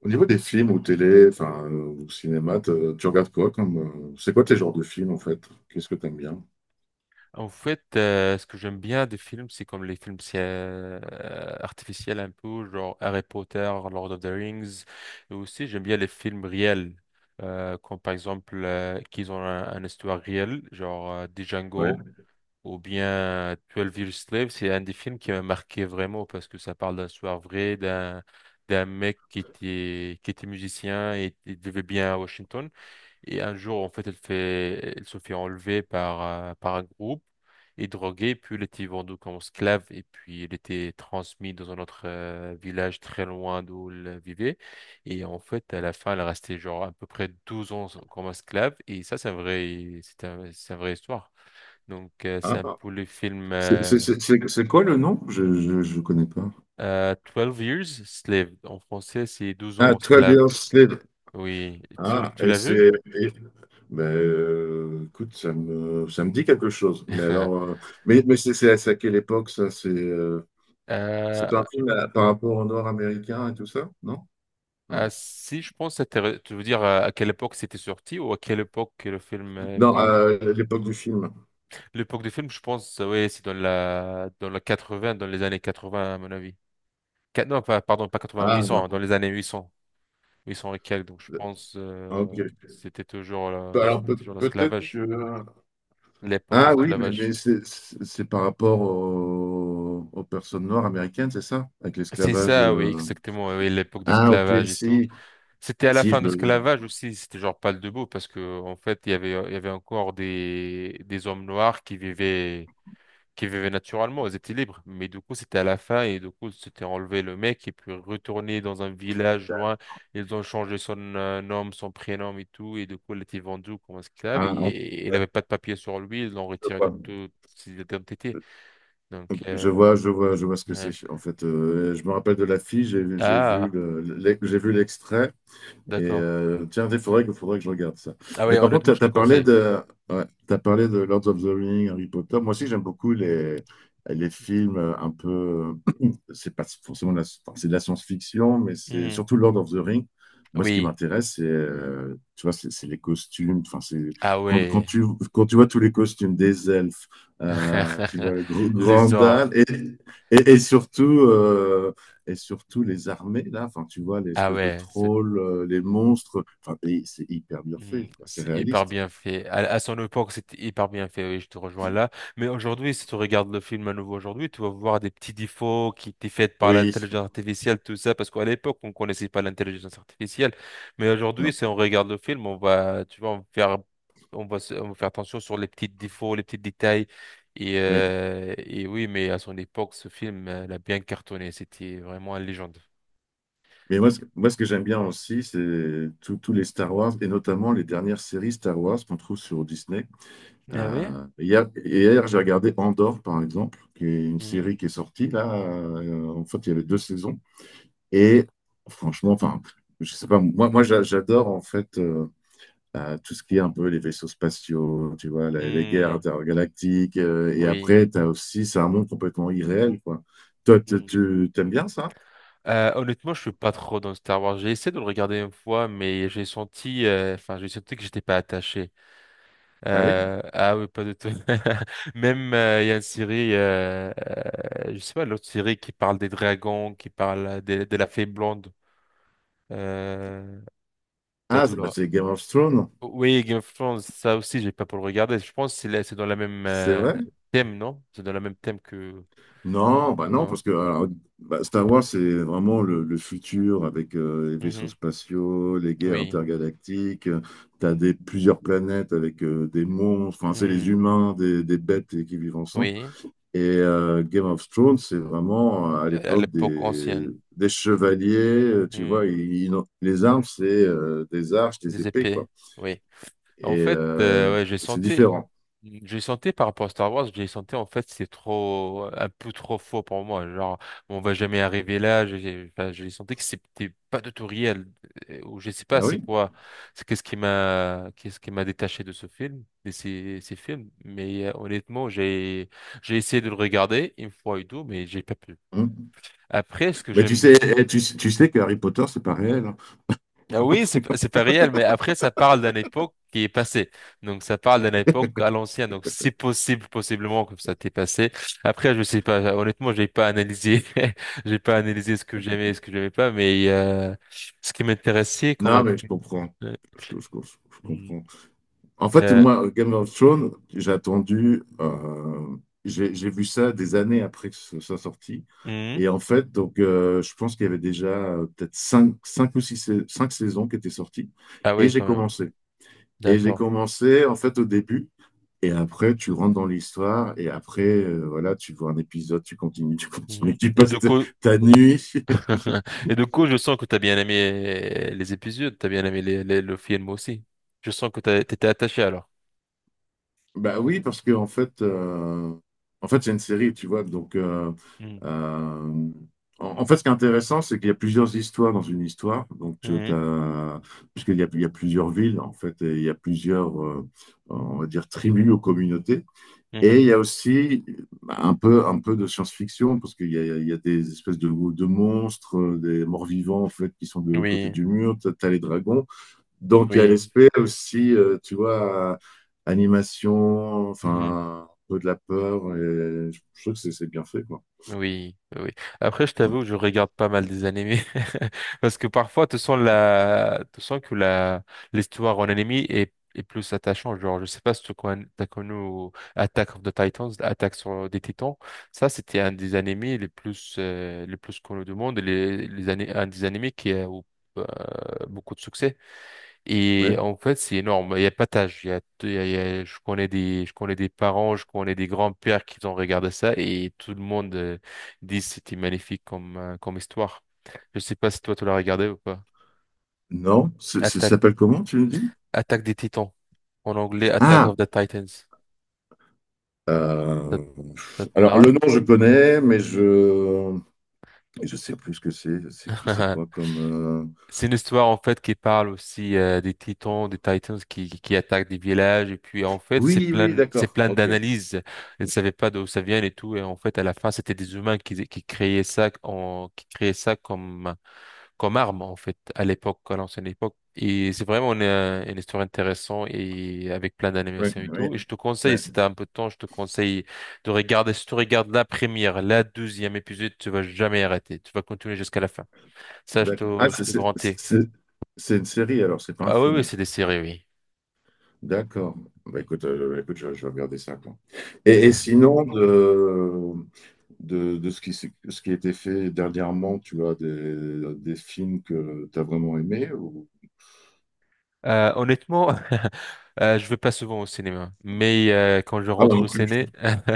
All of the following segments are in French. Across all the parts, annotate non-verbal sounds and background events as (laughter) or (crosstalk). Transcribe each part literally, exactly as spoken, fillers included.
Au niveau des films ou télé, enfin, euh, ou cinéma, te- tu regardes quoi comme, euh, c'est quoi tes genres de films en fait? Qu'est-ce que t'aimes bien? En fait, euh, ce que j'aime bien des films, c'est comme les films c'est, euh, artificiels un peu, genre Harry Potter, Lord of the Rings. Et aussi, j'aime bien les films réels, euh, comme par exemple euh, qu'ils ont un, une histoire réelle, genre euh, The Django Ouais. ou bien euh, Twelve Years Slave. C'est un des films qui m'a marqué vraiment parce que ça parle d'une histoire vraie, d'un d'un mec qui était, qui était musicien et il vivait bien à Washington. Et un jour, en fait, elle fait, elle se fait enlever par, euh, par un groupe et droguée, puis elle était vendue comme esclave, et puis elle était transmise dans un autre euh, village très loin d'où elle vivait. Et en fait, à la fin, elle restait genre à peu près douze ans comme esclave, et ça, c'est un vrai, c'est un, c'est une vraie histoire. Donc, euh, c'est Ah, un peu le film c'est c'est- euh, c'est- c'est- c'est quoi le nom? Je je je connais pas. euh, twelve Years Slave. En français, c'est Douze Ah, ans douze esclave. Years Slave. Oui, tu, Ah, tu et l'as vu? c'est. Et- Ben, euh, écoute, ça me, ça me dit quelque chose. Mais alors. Euh, (laughs) mais mais c'est c'est à c'est à quelle époque ça? C'est euh, Euh, c'est un film à- par rapport au Nord américain et tout ça? Non? Euh, Non. Si je pense, c'était- tu veux dire euh, à quelle époque c'était sorti ou à quelle époque que le film euh, il Non, parle? euh, l'époque du film. L'époque du film, je pense, euh, oui, c'est dans la dans la vingts dans les années quatre-vingts à mon avis. Qua- non, pas, pardon, pas quatre-vingts, huit Ah cents, hein, dans non. les années huit cents, huit cents et quelques. Donc je pense, Ok. euh, c'était toujours la- Alors c'était peut- toujours peut-être que. l'esclavage, l'époque Ah oui, mais, mais d'esclavage. c'est c'est- c'est par rapport au- aux personnes noires américaines, c'est ça? Avec C'est l'esclavage. ça, oui, Euh. exactement, oui, oui, l'époque de Ah ok, l'esclavage et tout. si. C'était à la Si, fin je de me. l'esclavage Je- aussi, c'était genre pas le debout parce que en fait il y avait il y avait encore des des hommes noirs qui vivaient qui vivaient naturellement, elles étaient libres. Mais du coup, c'était à la fin, et du coup, c'était enlevé le mec et puis retourné dans un village loin. Ils ont changé son euh, nom, son prénom et tout. Et du coup, il était vendu comme esclave et, Ah, en fait, et il n'avait pas de papier sur lui. Ils l'ont je retiré de vois. toute ses identités. Donc, Je euh, vois, je vois, je vois ce que c'est. euh, En fait, euh, je me rappelle de la fille, j'ai vu, j'ai vu ah, le- l'e- j'ai vu l'extrait. Et d'accord. euh, tiens, il faudrait, que- faudrait que je regarde ça. Ah Et oui, par honnêtement, contre, je tu te as, parlé conseille. de, ouais, t'as parlé de Lord of the Rings, Harry Potter. Moi aussi, j'aime beaucoup les, les films euh, un peu. (clears throat) C'est pas forcément de la, enfin, c'est de la science-fiction, mais c'est Mhm. surtout Lord of the Rings. Moi, ce qui Oui. m'intéresse, c'est euh, tu vois, c'est c'est les costumes. Enfin, c'est Ah quand, quand ouais. tu quand tu vois tous les costumes des elfes, euh, tu (laughs) vois le gr- Les Grandal ors. et, et, et surtout euh, et surtout les armées, là, enfin, tu vois, les Ah espèces de ouais. c'est trolls, euh, les monstres, enfin, et c'est hyper bien Hmm, fait, quoi, c'est C'est hyper réaliste. bien fait. À, à son époque, c'était hyper bien fait, oui, je te rejoins là. Mais aujourd'hui, si tu regardes le film à nouveau aujourd'hui, tu vas voir des petits défauts qui étaient faits par Oui, l'intelligence artificielle, tout ça, parce qu'à l'époque, on connaissait pas l'intelligence artificielle. Mais aujourd'hui, non, si on regarde le film, on va, tu vois, on va faire, on va, se- on va faire attention sur les petits défauts, les petits détails. Et, oui. euh, et oui, mais à son époque, ce film, euh, l'a bien cartonné. C'était vraiment une légende. Mais moi, ce que, moi, ce que j'aime bien aussi, c'est tous tous les Star Wars, et notamment les dernières séries Star Wars qu'on trouve sur Disney. Ah oui? Euh, hier, hier, j'ai regardé Andor, par exemple, qui est une Mhm. série qui est sortie, là, euh, en fait, il y avait deux saisons, et franchement, enfin, je sais pas, moi, moi j'a- j'adore, en fait, euh, t'as tout ce qui est un peu les vaisseaux spatiaux, tu vois, la- les, guerres intergalactiques. Euh, Hmm, et oui. après, tu as aussi, c'est un monde complètement irréel, quoi. Toi, tu Mmh. tu- t'aimes bien ça? Euh, honnêtement, je suis pas trop dans Star Wars. J'ai essayé de le regarder une fois, mais j'ai senti, euh, enfin, j'ai senti que j'étais pas attaché. Ah oui? Euh, ah oui, pas du tout. (laughs) Même euh, il y a une série, euh, euh, je sais pas, l'autre série qui parle des dragons, qui parle de, de la fée blonde. Euh, T'as Ah, d'où c'est bah, là? c'est Game of Thrones, Oui, Game of Thrones, ça aussi, j'ai pas pour le regarder. Je pense que c'est la- c'est dans la même c'est euh, vrai? thème, non? C'est dans le même thème que Non, bah non, non? parce que alors, bah, Star Wars, c'est vraiment le, le futur avec euh, les vaisseaux Mhm. spatiaux, les guerres Oui, intergalactiques. Tu as des, plusieurs planètes avec euh, des monstres, enfin, c'est les hmm. humains, des, des bêtes et- qui vivent ensemble. Oui, Et euh, Game of Thrones, c'est vraiment euh, à Euh, à l'époque l'époque des, ancienne. des chevaliers, euh, tu Hmm. vois, ils- ils ont- les armes, c'est euh, des arches, des Des épées, quoi. épées, oui. Et En fait, euh, euh, ouais, j'ai c'est senti, différent. j'ai senti par rapport à Star Wars, j'ai senti en fait c'est trop, un peu trop faux pour moi. Genre, on va jamais arriver là. J'ai enfin, j'ai senti que c'était pas du tout réel. Euh, Ou je sais pas, Ah c'est oui? quoi, c'est qu'est-ce qui m'a, qu'est-ce qui m'a détaché de ce film, de ces, ces films. Mais euh, honnêtement, j'ai, j'ai essayé de le regarder une fois et tout, mais j'ai pas pu. Hmm. Après, ce que Mais tu j'aime. sais, eh, tu, tu sais que Harry Potter, c'est pas réel. Hein. Ah oui, c'est p- c'est pas réel, mais après, ça parle d'une époque qui est passée. Donc, ça parle d'une époque à l'ancienne. Donc, c'est possible, possiblement, que ça t'est passé. Après, je sais pas. Honnêtement, j'ai pas analysé. (laughs) J'ai pas analysé ce que j'aimais et ce que j'aimais pas, mais euh, ce qui m'intéressait quand Non, même. mais je comprends. euh, Je, je- je- je mm, comprends. En fait, euh, moi, Game of Thrones, j'ai attendu, euh, j'ai j'ai vu ça des années après que ce soit sorti. mm. Et en fait, donc, euh, je pense qu'il y avait déjà euh, peut-être cinq, cinq ou six, sais- cinq saisons qui étaient sorties. Ah Et oui, j'ai quand même. Oui. commencé. Et j'ai D'accord. commencé, en fait, au début. Et après, tu rentres dans l'histoire. Et après, euh, voilà, tu vois un épisode, tu continues, tu continues, Mhm. tu Et passes du ta coup, ta nuit. (laughs) et du coup, je sens que t'as bien aimé les épisodes, t'as bien aimé les, les- le film aussi. Je sens que t'as- t'étais attaché alors. Bah oui, parce que en fait, euh, en fait, c'est une série, tu vois. Donc, euh, Mhm. euh, en, en fait, ce qui est intéressant, c'est qu'il y a plusieurs histoires dans une histoire. Donc, tu Mhm. as, puisqu'il y a, il y a plusieurs villes, en fait, et il y a plusieurs, euh, on va dire, tribus ou communautés. Et Mhm. il y a aussi bah, un peu, un peu de science-fiction, parce qu'il y a, il y a des espèces de, de monstres, euh, des morts-vivants, en fait, qui sont de l'autre côté Oui. du mur. Tu as, les dragons. Donc, il y a Oui, l'aspect aussi, euh, tu vois, euh, animation, mhm, enfin, un peu de la peur. Et je je trouve que c'est c'est bien fait, quoi. oui, oui. Après, je t'avoue, je regarde pas mal des animés (laughs) parce que parfois, tu sens la, tu sens que la l'histoire en anime est est plus attachante. Genre, je sais pas si tu connais, t'as connu Attack of the Titans, Attaque sur des Titans. Ça, c'était un des animés les plus euh, les plus connus du monde, les les ani- un des animés qui a eu, euh, beaucoup de succès. Et Oui. en fait, c'est énorme. Il y a pas d'âge. Il y a, il y a- il y a- je connais des, je connais des parents, je connais des grands-pères qui ont regardé ça et tout le monde euh, dit que c'était magnifique comme, euh, comme histoire. Je sais pas si toi tu l'as regardé ou pas. Non, c'est- c'est- ça Attaque, s'appelle comment, tu me dis? Attaque des Titans. En anglais, Attack Ah, of the Titans. Ça, euh, ça te alors parle? le nom je connais, mais je je sais plus ce que c'est. C'est c'est quoi (laughs) comme euh, C'est une histoire en fait qui parle aussi euh, des Titans, des Titans qui, qui qui attaquent des villages et puis en fait c'est oui, oui, plein c'est d'accord. plein Ok. d'analyses. Ils ne savaient pas d'où ça vient et tout, et en fait à la fin c'était des humains qui qui créaient ça en- qui créaient ça comme comme arme, en fait, à l'époque à l'ancienne époque, et c'est vraiment une, euh, une histoire intéressante, et avec plein Oui, d'animations et oui, tout, et je te oui. conseille, si t'as un peu de temps, je te conseille de regarder. Si tu regardes la première la deuxième épisode, tu vas jamais arrêter, tu vas continuer jusqu'à la fin, ça je D'accord. Ah, te je c'est te c'est- garantis. c'est- c'est une série alors, c'est pas un Ah oui, oui, film. c'est des séries, oui. D'accord. Bah, écoute, euh, écoute, je, je vais regarder ça, quoi. Et, et sinon, de, de, de ce qui, s'est- ce qui a été fait dernièrement, tu as des, des films que tu as vraiment aimés ou... Euh, honnêtement, (laughs) euh, je vais pas souvent au cinéma, mais euh, quand je Ah, rentre non au plus. ciné, (laughs)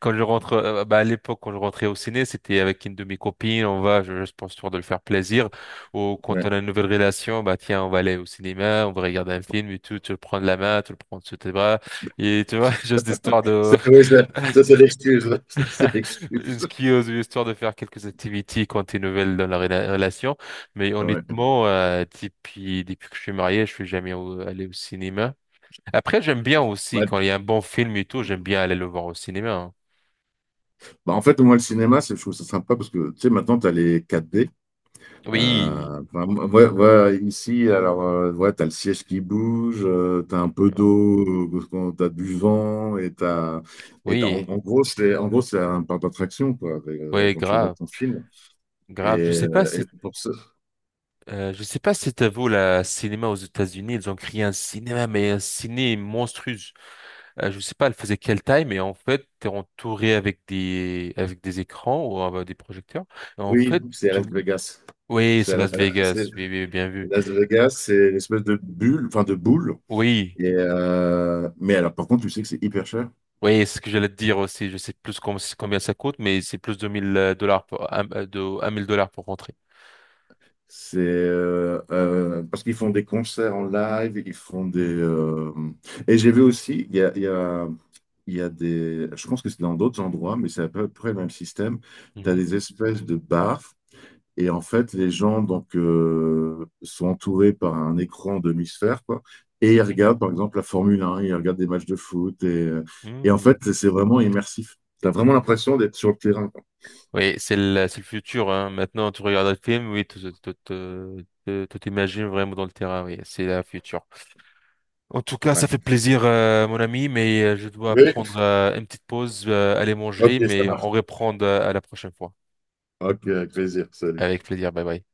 quand je rentre, euh, bah, à l'époque quand je rentrais au ciné, c'était avec une de mes copines, on va, je, je pense histoire de le faire plaisir, ou quand Ouais. on a une nouvelle relation, bah tiens, on va aller au cinéma, on va regarder un film et tout, tu le prends de la main, tu le prends sous tes bras, et tu vois, (laughs) juste histoire de C'est- oui, ça, ça, c'est l'excuse. (laughs) Ça, c'est l'excuse. Ce qui ose histoire de faire quelques activités quand t'es nouvelle dans la rela- relation. Mais Ouais. honnêtement, euh, depuis, depuis que je suis marié, je suis jamais au- allé au cinéma. Après, j'aime bien aussi, Ouais. quand il y a un bon film et tout, j'aime bien aller le voir au cinéma, hein. Bah, en fait, moi, le cinéma, c'est, je trouve ça sympa parce que, tu sais, maintenant, tu as les quatre d Oui, Euh, enfin, ouais, ouais, ici, alors, euh, ouais, t'as le siège qui bouge, tu t'as un peu d'eau, euh, quand t'as du vent, et t'as, et t'as- en, oui, en gros, c'est, en gros, c'est un parc d'attraction, quoi, avec, euh, ouais, quand tu regardes grave, ton film. Et, grave. Je sais pas euh, si, et pour ce, euh, je sais pas si t'as vu le cinéma aux États-Unis, ils ont créé un cinéma, mais un ciné monstrueux. Euh, je sais pas, elle faisait quelle taille, mais en fait, t'es entouré avec des, avec des écrans ou euh, des projecteurs. Et en oui, fait, c'est à tout... Las Vegas. Oui, C'est c'est à Las la- Vegas. c'est- Oui, oui, bien vu. Las Vegas, c'est une espèce de bulle, enfin, de boule. Oui, Et, euh, mais alors, par contre, tu sais que c'est hyper cher. oui, c'est ce que j'allais te dire aussi. Je sais plus com- combien ça coûte, mais c'est plus de mille euh, dollars pour, un- euh, de, mille dollars pour rentrer. C'est euh, euh, parce qu'ils font des concerts en live, ils font des. Mm. Euh, Et j'ai vu aussi, il y a, il y a, il y a des. Je pense que c'est dans d'autres endroits, mais c'est à peu près le même système. Tu as Mhm, des espèces de bars, et en fait, les gens donc, euh, sont entourés par un écran demi-sphère, quoi. Et ils regardent, par exemple, la Formule un, ils regardent des matchs de foot, et, euh, et en mhm, mm. fait, c'est vraiment immersif. Tu as vraiment l'impression d'être sur le terrain, quoi. Oui, c'est le, c'est le futur, hein. Maintenant, tu regardes le film, oui, tu tu- tu- tu- tu t'imagines vraiment dans le terrain, oui, c'est la future. En tout cas, Ouais. ça fait plaisir, euh, mon ami, mais euh, je dois Oui, prendre euh, une petite pause, euh, aller manger, ok, ça mais marche. on reprend euh, à la prochaine fois. Ok, avec plaisir, salut. Avec plaisir, bye bye.